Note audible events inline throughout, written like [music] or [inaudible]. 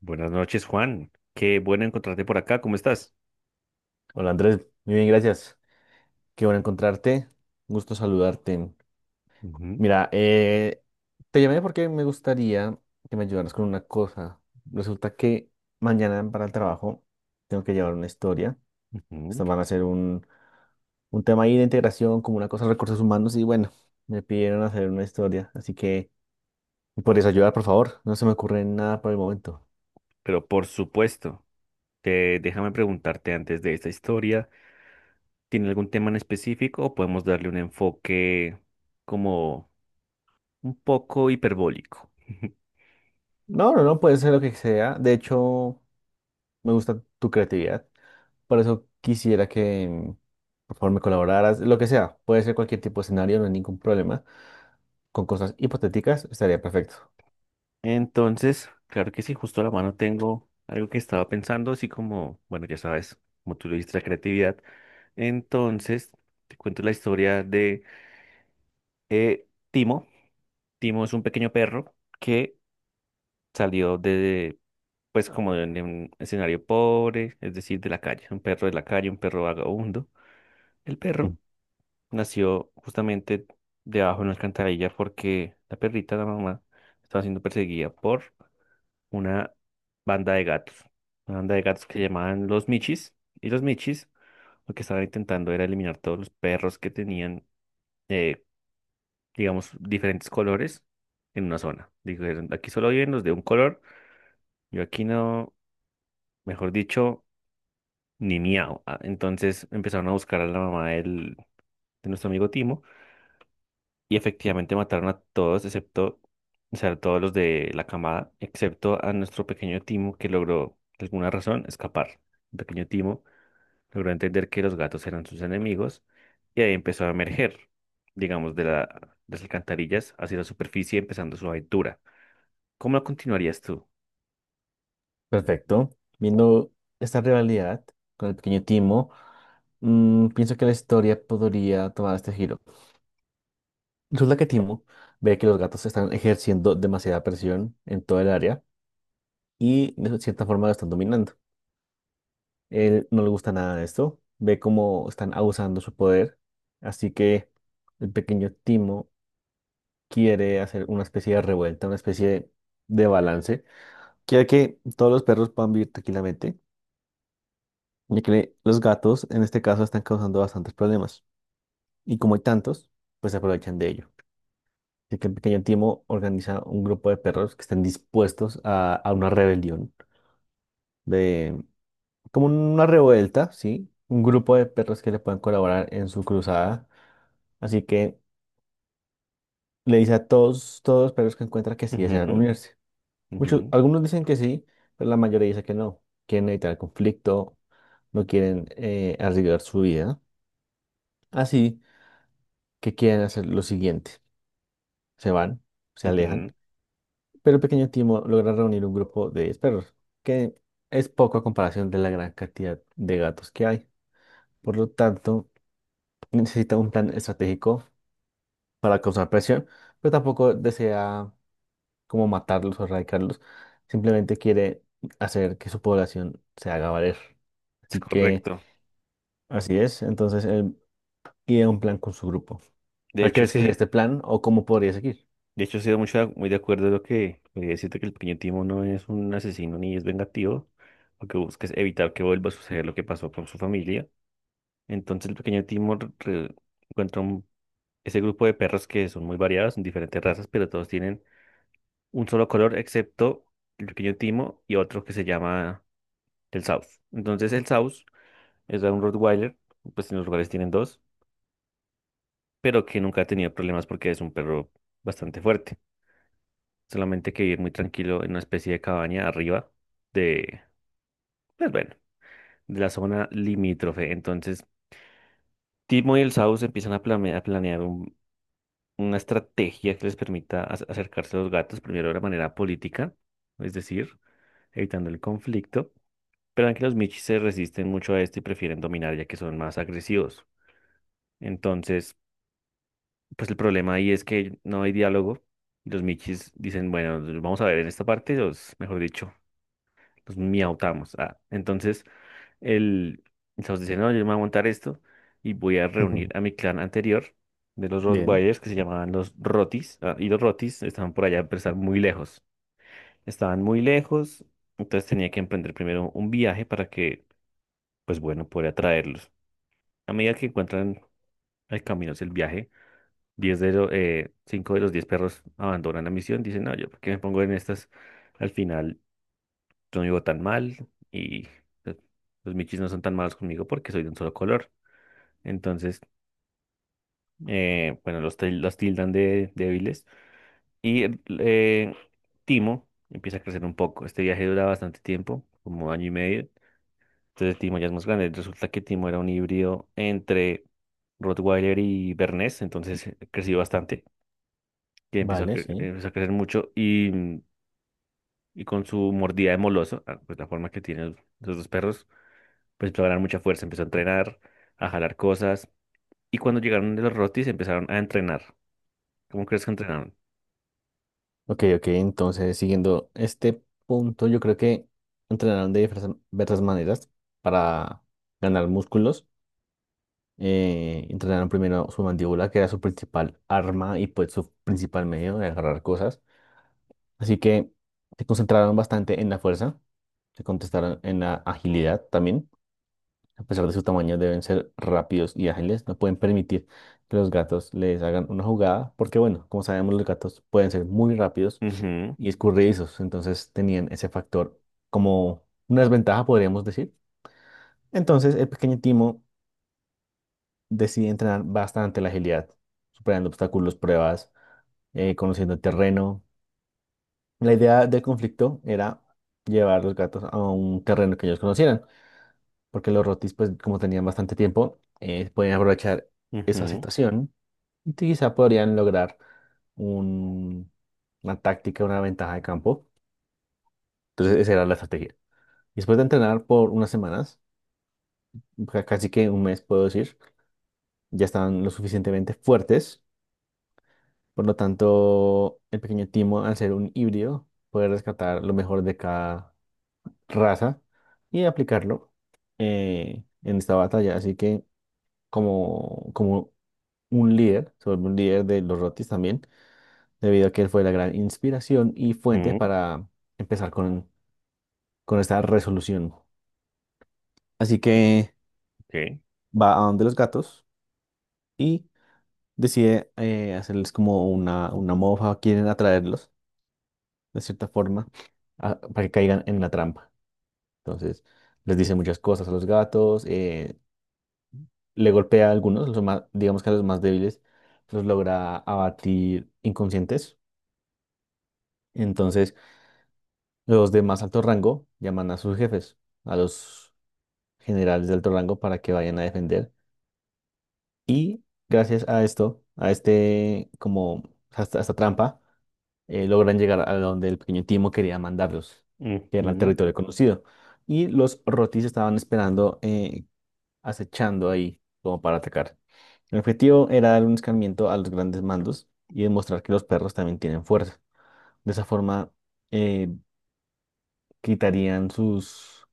Buenas noches, Juan. Qué bueno encontrarte por acá. ¿Cómo estás? Hola Andrés, muy bien, gracias. Qué bueno encontrarte. Un gusto saludarte. Ujú, Mira, te llamé porque me gustaría que me ayudaras con una cosa. Resulta que mañana para el trabajo tengo que llevar una historia. ujú. Estas van a ser un tema ahí de integración, como una cosa de recursos humanos. Y bueno, me pidieron hacer una historia. Así que, ¿me ¿podrías ayudar, por favor? No se me ocurre nada por el momento. Pero por supuesto, déjame preguntarte antes de esta historia, ¿tiene algún tema en específico o podemos darle un enfoque como un poco hiperbólico? [laughs] No, no, no, puede ser lo que sea. De hecho. Me gusta tu creatividad. Por eso quisiera que, por favor, me colaboraras. Lo que sea, puede ser cualquier tipo de escenario, no hay ningún problema. Con cosas hipotéticas estaría perfecto. Entonces, claro que sí, justo a la mano tengo algo que estaba pensando, así como, bueno, ya sabes, como tú lo dijiste, la creatividad. Entonces, te cuento la historia de Timo. Timo es un pequeño perro que salió de, pues como de un escenario pobre, es decir, de la calle, un perro de la calle, un perro vagabundo. El perro Mm. nació justamente debajo de una alcantarilla porque la perrita, la mamá, estaba siendo perseguida por una banda de gatos, una banda de gatos que llamaban los Michis, y los Michis lo que estaban intentando era eliminar todos los perros que tenían, eh, digamos, diferentes colores en una zona. Dijeron, aquí solo viven los de un color, yo aquí no, mejor dicho, ni miau. Ah, entonces empezaron a buscar a la mamá de nuestro amigo Timo y efectivamente mataron a todos, excepto, o sea, a todos los de la camada, excepto a nuestro pequeño Timo que logró, por alguna razón, escapar. El pequeño Timo logró entender que los gatos eran sus enemigos y ahí empezó a emerger, digamos, de las alcantarillas hacia la superficie, empezando su aventura. ¿Cómo la continuarías tú? Perfecto. Viendo esta rivalidad con el pequeño Timo, mm, pienso que la historia podría tomar este giro. Resulta que Timo ve que los gatos están ejerciendo demasiada presión en toda el área y de cierta forma lo están dominando. Él no le gusta nada de esto, ve cómo están abusando su poder, así que el pequeño Timo quiere hacer una especie de revuelta, una especie de balance. Quiere que todos los perros puedan vivir tranquilamente, ya que los gatos en este caso están causando bastantes problemas. Y como hay tantos, pues se aprovechan de ello. Así que el pequeño Timo organiza un grupo de perros que están dispuestos a una rebelión como una revuelta, ¿sí? Un grupo de perros que le pueden colaborar en su cruzada. Así que le dice a todos, todos los perros que encuentra que sí desean Ujú, unirse. Muchos, ujú, algunos dicen que sí, pero la mayoría dice que no. Quieren evitar el conflicto, no quieren arriesgar su vida. Así que quieren hacer lo siguiente. Se van, se alejan, ujú. pero el pequeño Timo logra reunir un grupo de 10 perros, que es poco a comparación de la gran cantidad de gatos que hay. Por lo tanto, necesita un plan estratégico para causar presión, pero tampoco desea como matarlos o erradicarlos, simplemente quiere hacer que su población se haga valer. Es Así que correcto. así es, entonces él idea un plan con su grupo. De ¿Cuál hecho, crees que sería sí. este plan o cómo podría seguir? De hecho, estoy mucho, muy de acuerdo en lo que siento que el pequeño Timo no es un asesino ni es vengativo, lo que busca es evitar que vuelva a suceder lo que pasó con su familia. Entonces, el pequeño Timo encuentra ese grupo de perros que son muy variados, son diferentes razas, pero todos tienen un solo color, excepto el pequeño Timo y otro que se llama el South. Entonces, el South es un Rottweiler, pues en los lugares tienen dos, pero que nunca ha tenido problemas porque es un perro bastante fuerte, solamente que vivir muy tranquilo en una especie de cabaña arriba de, pues bueno, de la zona limítrofe. Entonces, Timo y el Saus empiezan a, a planear una estrategia que les permita acercarse a los gatos, primero de la manera política, es decir, evitando el conflicto, pero en que los Michis se resisten mucho a esto y prefieren dominar ya que son más agresivos. Entonces, pues el problema ahí es que no hay diálogo. Y los Michis dicen, bueno, vamos a ver en esta parte, los, mejor dicho, los miautamos. Ah, entonces, el, entonces dice, no, yo me voy a montar esto y voy a reunir a [laughs] mi clan anterior de los Bien. Rottweilers que se llamaban los Rotis. Ah, y los Rotis estaban por allá, pero estaban muy lejos. Estaban muy lejos, entonces tenía que emprender primero un viaje para que, pues bueno, pudiera traerlos. A medida que encuentran el camino hacia el viaje, 5 de los 10 perros abandonan la misión. Dicen, no, yo, ¿por qué me pongo en estas? Al final, yo no vivo tan mal y... eh, los michis no son tan malos conmigo porque soy de un solo color. Entonces bueno, los tildan de débiles. Y Timo empieza a crecer un poco. Este viaje dura bastante tiempo, como año y medio. Entonces Timo ya es más grande. Resulta que Timo era un híbrido entre Rottweiler y Bernés, entonces creció bastante, que empezó a, Vale, sí. empezó a crecer mucho y, y con su mordida de moloso, ah, pues la forma que tienen los dos perros, pues empezó a ganar mucha fuerza, empezó a entrenar, a jalar cosas. Y cuando llegaron de los Rottis empezaron a entrenar. ¿Cómo crees que entrenaron? Ok, ok, entonces siguiendo este punto, yo creo que entrenarán de diversas maneras para ganar músculos entrenaron primero su mandíbula, que era su principal arma y pues su principal medio de agarrar cosas. Así que se concentraron bastante en la fuerza, se contestaron en la agilidad también. A pesar de su tamaño, deben ser rápidos y ágiles. No pueden permitir que los gatos les hagan una jugada, porque bueno, como sabemos, los gatos pueden ser muy rápidos y escurridizos. Entonces tenían ese factor como una desventaja, podríamos decir. Entonces el pequeño Timo decidí entrenar bastante la agilidad, superando obstáculos, pruebas, conociendo el terreno. La idea del conflicto era llevar los gatos a un terreno que ellos conocieran, porque los rotis, pues como tenían bastante tiempo, podían aprovechar esa Ujú, situación y quizá podrían lograr un- una táctica, una ventaja de campo. Entonces esa era la estrategia. Después de entrenar por unas semanas, casi que un mes puedo decir, ya estaban lo suficientemente fuertes. Por lo tanto, el pequeño Timo, al ser un híbrido, puede rescatar lo mejor de cada raza y aplicarlo en esta batalla. Así que, como, un líder, se vuelve un líder de los Rotis también, debido a que él fue la gran inspiración y fuente ujú, para empezar con esta resolución. Así que ok, va a donde los gatos y decide hacerles como una mofa, quieren atraerlos de cierta forma para que caigan en la trampa. Entonces, les dice muchas cosas a los gatos, le golpea a algunos, los más, digamos que a los más débiles, los logra abatir inconscientes. Entonces, los de más alto rango llaman a sus jefes, a los generales de alto rango para que vayan a defender. Y gracias a esto, como, a esta trampa, logran llegar a donde el pequeño Timo quería mandarlos, que era el ujú, territorio conocido. Y los Rotis estaban esperando acechando ahí como para atacar. El objetivo era dar un escarmiento a los grandes mandos y demostrar que los perros también tienen fuerza. De esa forma, eh, quitarían sus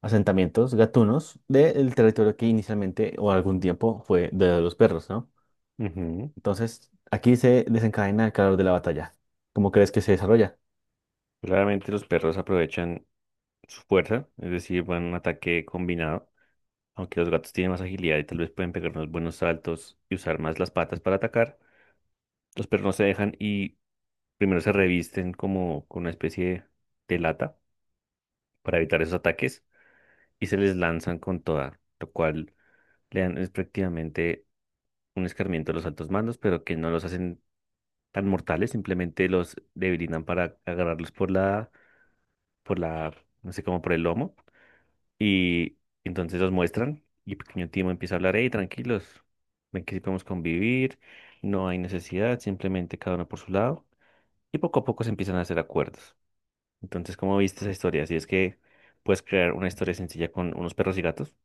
asentamientos gatunos del territorio que inicialmente o algún tiempo fue de los perros, ¿no? ujú. Entonces, aquí se desencadena el calor de la batalla. ¿Cómo crees que se desarrolla? Claramente los perros aprovechan su fuerza, es decir, van a un ataque combinado, aunque los gatos tienen más agilidad y tal vez pueden pegar unos buenos saltos y usar más las patas para atacar. Los perros no se dejan y primero se revisten como con una especie de lata para evitar esos ataques y se les lanzan con toda, lo cual le dan es prácticamente un escarmiento a los altos mandos, pero que no los hacen tan mortales, simplemente los debilitan para agarrarlos por la por la, no sé, como por el lomo. Y entonces los muestran y pequeño Timo empieza a hablar, hey, tranquilos, ven que sí podemos convivir, no hay necesidad, simplemente cada uno por su lado. Y poco a poco se empiezan a hacer acuerdos. Entonces, ¿cómo viste esa historia? Si es que puedes crear una historia sencilla con unos perros y gatos.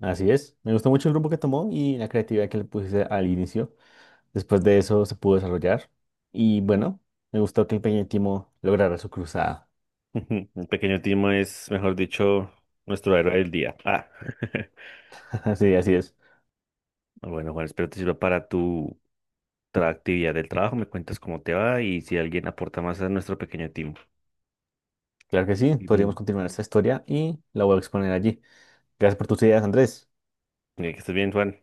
Así es. Me gustó mucho el rumbo que tomó y la creatividad que le puse al inicio. Después de eso se pudo desarrollar y bueno, me gustó que el Peñítimo lograra su cruzada. [laughs] El pequeño Timo es, mejor dicho, nuestro héroe del día. Ah. [laughs] [laughs] Sí, así es. Bueno, Juan, espero te sirva para tu actividad del trabajo. Me cuentas cómo te va y si alguien aporta más a nuestro pequeño Timo. Claro que sí, Y podríamos bien. continuar esta historia y la voy a exponer allí. Gracias por tus ideas, Andrés. Que estés bien, Juan.